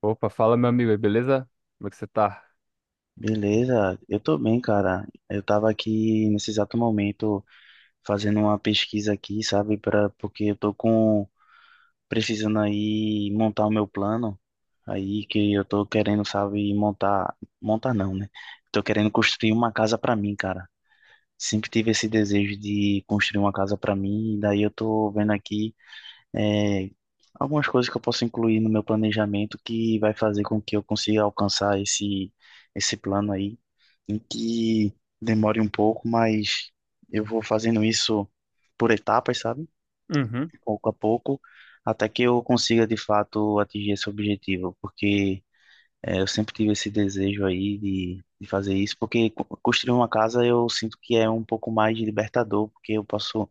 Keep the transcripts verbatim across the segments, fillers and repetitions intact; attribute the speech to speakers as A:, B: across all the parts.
A: Opa, fala meu amigo aí, beleza? Como é que você tá?
B: Beleza, eu tô bem, cara. Eu tava aqui nesse exato momento fazendo uma pesquisa aqui, sabe, para porque eu tô com precisando aí montar o meu plano aí que eu tô querendo, sabe, montar, montar não, né? Tô querendo construir uma casa pra mim, cara. Sempre tive esse desejo de construir uma casa pra mim, e daí eu tô vendo aqui é, algumas coisas que eu posso incluir no meu planejamento que vai fazer com que eu consiga alcançar esse esse plano aí em que demore um pouco, mas eu vou fazendo isso por etapas, sabe?
A: Uhum,
B: Pouco a pouco, até que eu consiga de fato atingir esse objetivo, porque eh, eu sempre tive esse desejo aí de, de fazer isso, porque co- construir uma casa eu sinto que é um pouco mais libertador, porque eu posso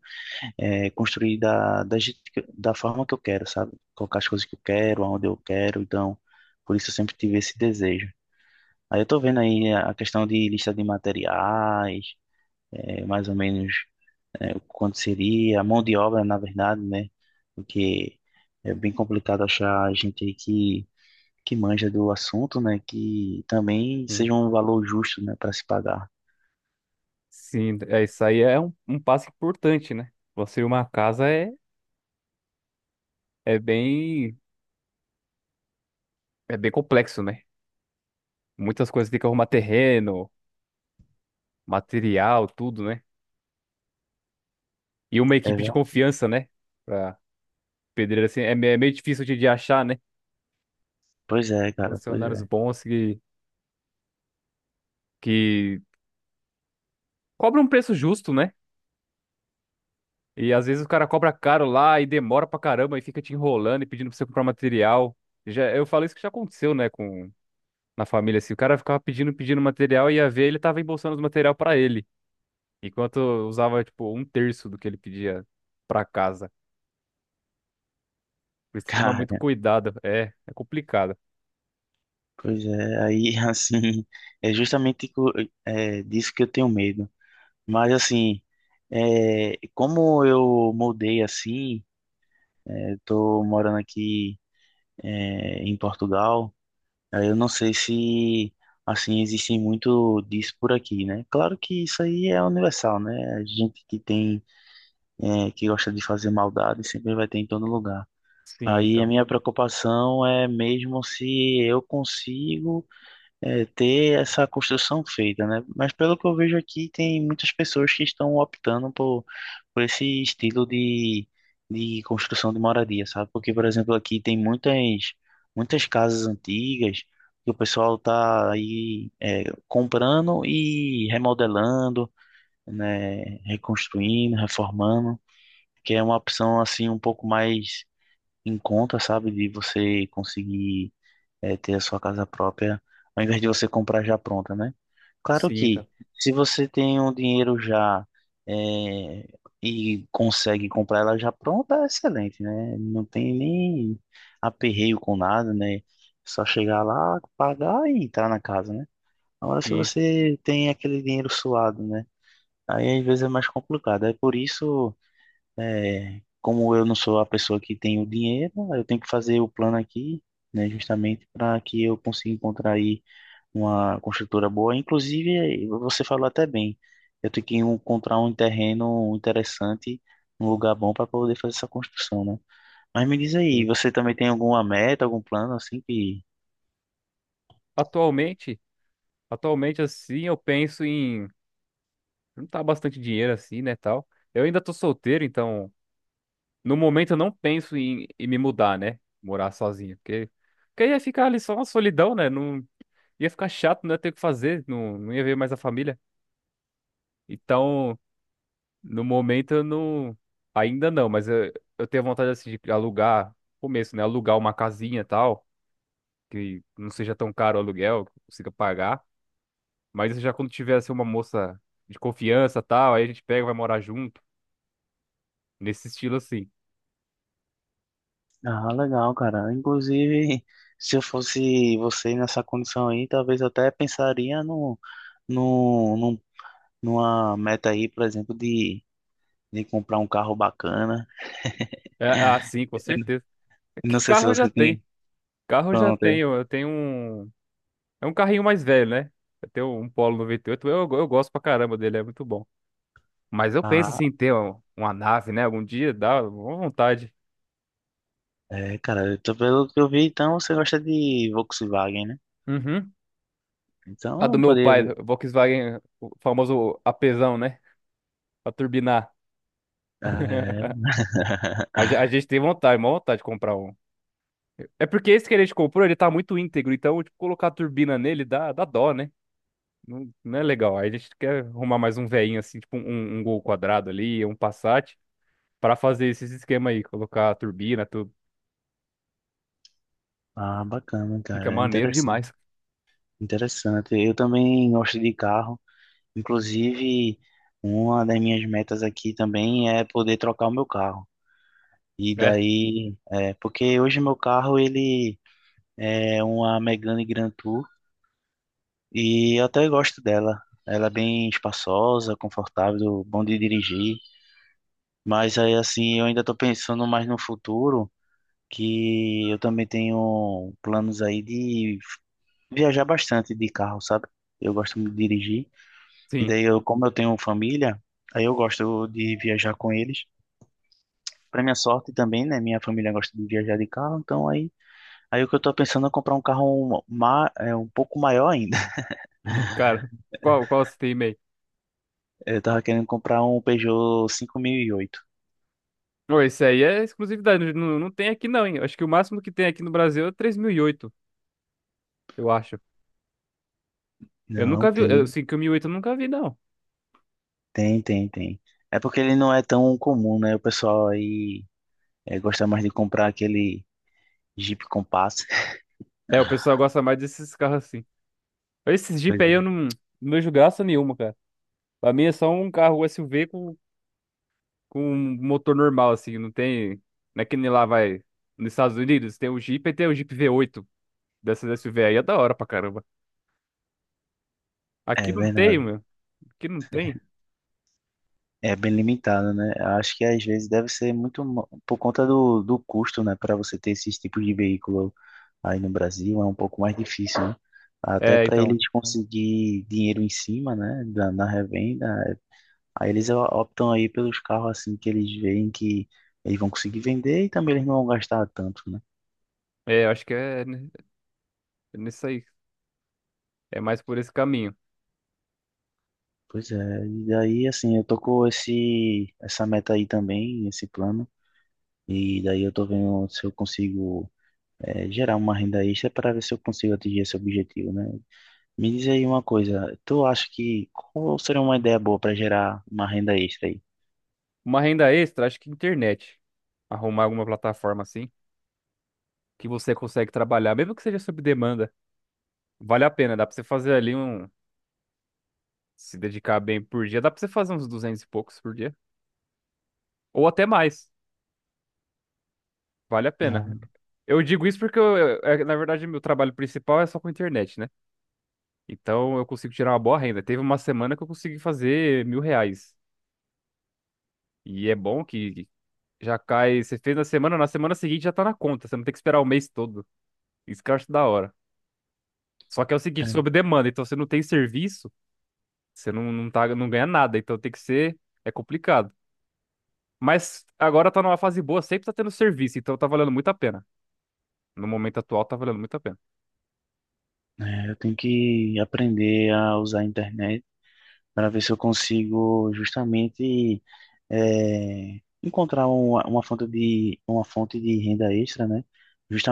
B: eh, construir da, da, je- da forma que eu quero, sabe? Colocar as coisas que eu quero, aonde eu quero, então por isso eu sempre tive esse desejo. Aí eu tô vendo aí a questão de lista de materiais, é, mais ou menos é, quanto seria, a mão de obra, na verdade, né? Porque é bem complicado achar gente aí que, que manja do assunto, né? Que também
A: sim.
B: seja um valor justo, né, para se pagar.
A: Sim, é isso aí é um, um passo importante, né? Construir uma casa é, é bem é bem complexo, né? Muitas coisas, tem que arrumar terreno, material, tudo, né? E uma
B: É,
A: equipe de
B: ver-
A: confiança, né? Pra pedreiro assim, é, me- é meio difícil de, de achar, né?
B: pois é, cara, pois
A: Funcionários
B: é.
A: bons que, que cobram um preço justo, né? E às vezes o cara cobra caro lá e demora pra caramba e fica te enrolando e pedindo pra você comprar material. Já, eu falo isso que já aconteceu, né? Na família, assim. O cara ficava pedindo, pedindo material e ia ver, ele tava embolsando os material pra ele. Enquanto eu usava, tipo, um terço do que ele pedia pra casa. Por isso tem que tomar
B: Cara,
A: muito cuidado. É, é complicado.
B: pois é, aí assim, é justamente co- é, disso que eu tenho medo. Mas assim, é, como eu mudei assim, é, tô morando aqui é, em Portugal. Aí eu não sei se, assim, existe muito disso por aqui, né? Claro que isso aí é universal, né? A gente que tem, é, que gosta de fazer maldade sempre vai ter em todo lugar.
A: Sim,
B: Aí a
A: então.
B: minha preocupação é mesmo se eu consigo é, ter essa construção feita, né? Mas pelo que eu vejo aqui, tem muitas pessoas que estão optando por, por esse estilo de, de construção de moradia, sabe? Porque, por exemplo, aqui tem muitas, muitas casas antigas que o pessoal tá aí é, comprando e remodelando, né? Reconstruindo, reformando, que é uma opção assim um pouco mais em conta, sabe? De você conseguir é, ter a sua casa própria, ao invés de você comprar já pronta, né? Claro
A: Sim, então.
B: que, se você tem um dinheiro já é, e consegue comprar ela já pronta, é excelente, né? Não tem nem aperreio com nada, né? Só chegar lá, pagar e entrar na casa, né? Agora, se
A: Sim, então,
B: você tem aquele dinheiro suado, né? Aí às vezes é mais complicado. É por isso. É, como eu não sou a pessoa que tem o dinheiro, eu tenho que fazer o plano aqui, né, justamente para que eu consiga encontrar aí uma construtora boa. Inclusive, eh, você falou até bem, eu tenho que encontrar um terreno interessante, um lugar bom para poder fazer essa construção, né? Mas me diz aí,
A: sim.
B: você também tem alguma meta, algum plano assim que...
A: Atualmente, atualmente, assim, eu penso em não tá bastante dinheiro assim, né, tal. Eu ainda tô solteiro, então, no momento eu não penso em, em me mudar, né? Morar sozinho, porque, porque ia ficar ali só uma solidão, né? Não, ia ficar chato, não ia ter o que fazer, não, não ia ver mais a família. Então, no momento eu não. Ainda não, mas eu, eu tenho vontade assim de alugar, começo, né? Alugar uma casinha e tal, que não seja tão caro o aluguel, que eu consiga pagar. Mas já quando tiver assim, uma moça de confiança e tal, aí a gente pega, vai morar junto, nesse estilo assim.
B: Ah, legal, cara. Inclusive, se eu fosse você nessa condição aí, talvez eu até pensaria no no numa meta aí, por exemplo, de, de comprar um carro bacana.
A: É, é assim, com
B: Eu n-
A: certeza. É. Que
B: não sei se
A: carro? Eu já
B: você
A: tenho.
B: tem.
A: Carro eu já
B: Pronto. É.
A: tenho. Eu tenho um. É um carrinho mais velho, né? Eu tenho um Polo noventa e oito, eu, eu gosto pra caramba dele, é muito bom. Mas eu penso
B: Ah,
A: assim, em ter um- uma nave, né? Algum dia dá uma vontade.
B: é, cara, eu tô- pelo que eu vi, então você gosta de Volkswagen, né?
A: Uhum. A
B: Então
A: do
B: eu
A: meu
B: poderia.
A: pai, Volkswagen, o famoso apesão, né? Pra turbinar.
B: É,
A: A ge- a gente tem vontade, uma vontade de comprar um. É porque esse que a gente comprou, ele tá muito íntegro, então, tipo, colocar a turbina nele dá, dá dó, né? Não, não é legal. Aí a gente quer arrumar mais um veinho, assim, tipo um, um Gol quadrado ali, um Passat, pra fazer esses esquema aí, colocar a turbina, tudo.
B: ah, bacana,
A: Fica
B: cara. É
A: maneiro
B: interessante.
A: demais.
B: Interessante. Eu também gosto de carro. Inclusive, uma das minhas metas aqui também é poder trocar o meu carro. E
A: É,
B: daí, é, porque hoje meu carro ele é uma Megane Grand. E eu até gosto dela. Ela é bem espaçosa, confortável, bom de dirigir. Mas aí, assim, eu ainda tô pensando mais no futuro, que eu também tenho planos aí de viajar bastante de carro, sabe? Eu gosto muito de dirigir. E
A: sim.
B: daí, eu, como eu tenho família, aí eu gosto de viajar com eles. Pra minha sorte também, né? Minha família gosta de viajar de carro, então aí, aí o que eu tô pensando é comprar um carro ma- é, um pouco maior ainda.
A: Cara, qual, qual você tem e-mail?
B: Eu tava querendo comprar um Peugeot cinco mil e oito.
A: Não, esse aí é exclusividade, não, não tem aqui não, hein? Acho que o máximo que tem aqui no Brasil é o três mil e oito, eu acho. Eu
B: Não,
A: nunca vi, eu,
B: tem,
A: assim, que o mil e oito eu nunca vi, não.
B: tem, tem, tem. É porque ele não é tão comum, né? O pessoal aí é, gosta mais de comprar aquele Jeep Compass.
A: É, o pessoal gosta mais desses carros assim. Esses Jeep aí eu
B: Pois
A: não, não vejo graça nenhuma, cara. Pra mim é só um carro S U V com, com um motor normal, assim, não tem... Não é que nem lá vai... Nos Estados Unidos tem o Jeep e tem o Jeep V oito dessas S U V aí, é da hora pra caramba.
B: é.
A: Aqui
B: É
A: não tem,
B: verdade.
A: meu. Aqui não tem.
B: É bem limitado, né? Eu acho que às vezes deve ser muito mo- por conta do, do custo, né? Para você ter esses tipos de veículo aí no Brasil é um pouco mais difícil, né? Até
A: É,
B: para
A: então,
B: eles conseguir dinheiro em cima, né? Da, na revenda. é, Aí eles o- optam aí pelos carros assim que eles veem que eles vão conseguir vender e também eles não vão gastar tanto, né?
A: é, eu acho que é ne- é nisso aí. É mais por esse caminho.
B: Pois é, e daí assim, eu tô com esse, essa meta aí também, esse plano, e daí eu tô vendo se eu consigo eh, gerar uma renda extra para ver se eu consigo atingir esse objetivo, né? Me diz aí uma coisa, tu acha que qual seria uma ideia boa para gerar uma renda extra aí?
A: Uma renda extra, acho que internet. Arrumar alguma plataforma assim, que você consegue trabalhar, mesmo que seja sob demanda, vale a pena. Dá pra você fazer ali um. Se dedicar bem por dia, dá pra você fazer uns duzentos e poucos por dia. Ou até mais. Vale a pena.
B: Na-
A: Eu digo isso porque, eu, eu- é, na verdade, meu trabalho principal é só com internet, né? Então eu consigo tirar uma boa renda. Teve uma semana que eu consegui fazer mil reais. E é bom que já cai. Você fez na semana, na semana seguinte já tá na conta. Você não tem que esperar o mês todo. Isso que eu acho da hora. Só que é o seguinte,
B: é,
A: sob demanda. Então você não tem serviço. Você não, não, tá, não ganha nada, então tem que ser. É complicado. Mas agora tá numa fase boa, sempre tá tendo serviço, então tá valendo muito a pena. No momento atual tá valendo muito a pena.
B: é, eu tenho que aprender a usar a internet para ver se eu consigo justamente é, encontrar uma, uma fonte de uma fonte de renda extra, né?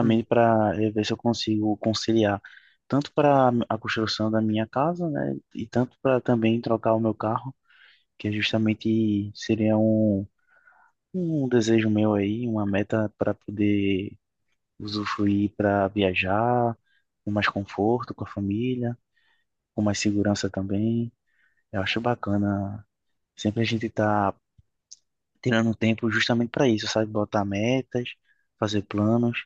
A: Hum.
B: para eh, ver se eu consigo conciliar tanto para a construção da minha casa, né? E tanto para também trocar o meu carro, que é justamente seria um, um desejo meu aí, uma meta para poder usufruir para viajar com mais conforto com a família, com mais segurança também. Eu acho bacana. Sempre a gente tá tirando um tempo justamente para isso, sabe? Botar metas, fazer planos,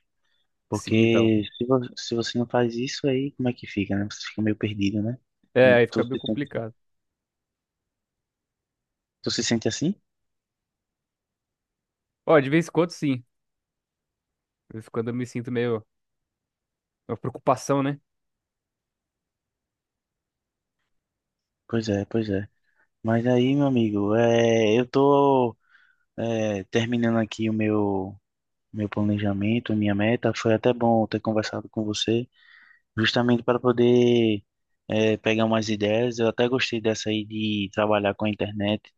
A: Sim, então.
B: porque se, vo- se você não faz isso aí, como é que fica, né? Você fica meio perdido, né?
A: É,
B: Hum,
A: aí
B: Tu
A: fica meio
B: se sente,
A: complicado.
B: tu se sente assim?
A: Ó, de vez em quando, sim. De vez em quando eu me sinto meio. Uma preocupação, né?
B: Pois é, pois é. Mas aí, meu amigo, é, eu tô é, terminando aqui o meu meu planejamento, minha meta. Foi até bom ter conversado com você, justamente para poder é, pegar umas ideias. Eu até gostei dessa aí de trabalhar com a internet.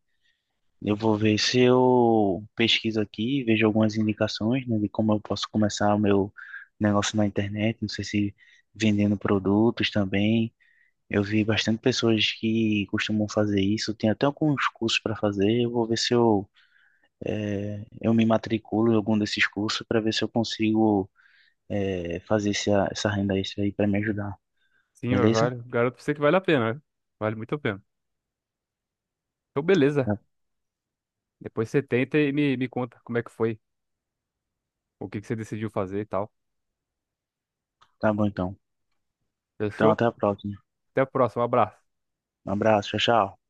B: Eu vou ver se eu pesquiso aqui, vejo algumas indicações, né, de como eu posso começar o meu negócio na internet. Não sei se vendendo produtos também. Eu vi bastante pessoas que costumam fazer isso. Tem até alguns cursos para fazer. Eu vou ver se eu, eh, eu me matriculo em algum desses cursos para ver se eu consigo, eh, fazer essa, essa renda extra aí para me ajudar.
A: Sim, mas
B: Beleza?
A: vale. Garanto pra você que vale a pena, né? Vale muito a pena. Então, beleza.
B: Tá,
A: Depois você tenta e me, me conta como é que foi, o que que você decidiu fazer e tal.
B: tá bom então. Então,
A: Fechou?
B: até a próxima.
A: Até a próxima. Um abraço.
B: Um abraço, tchau, tchau.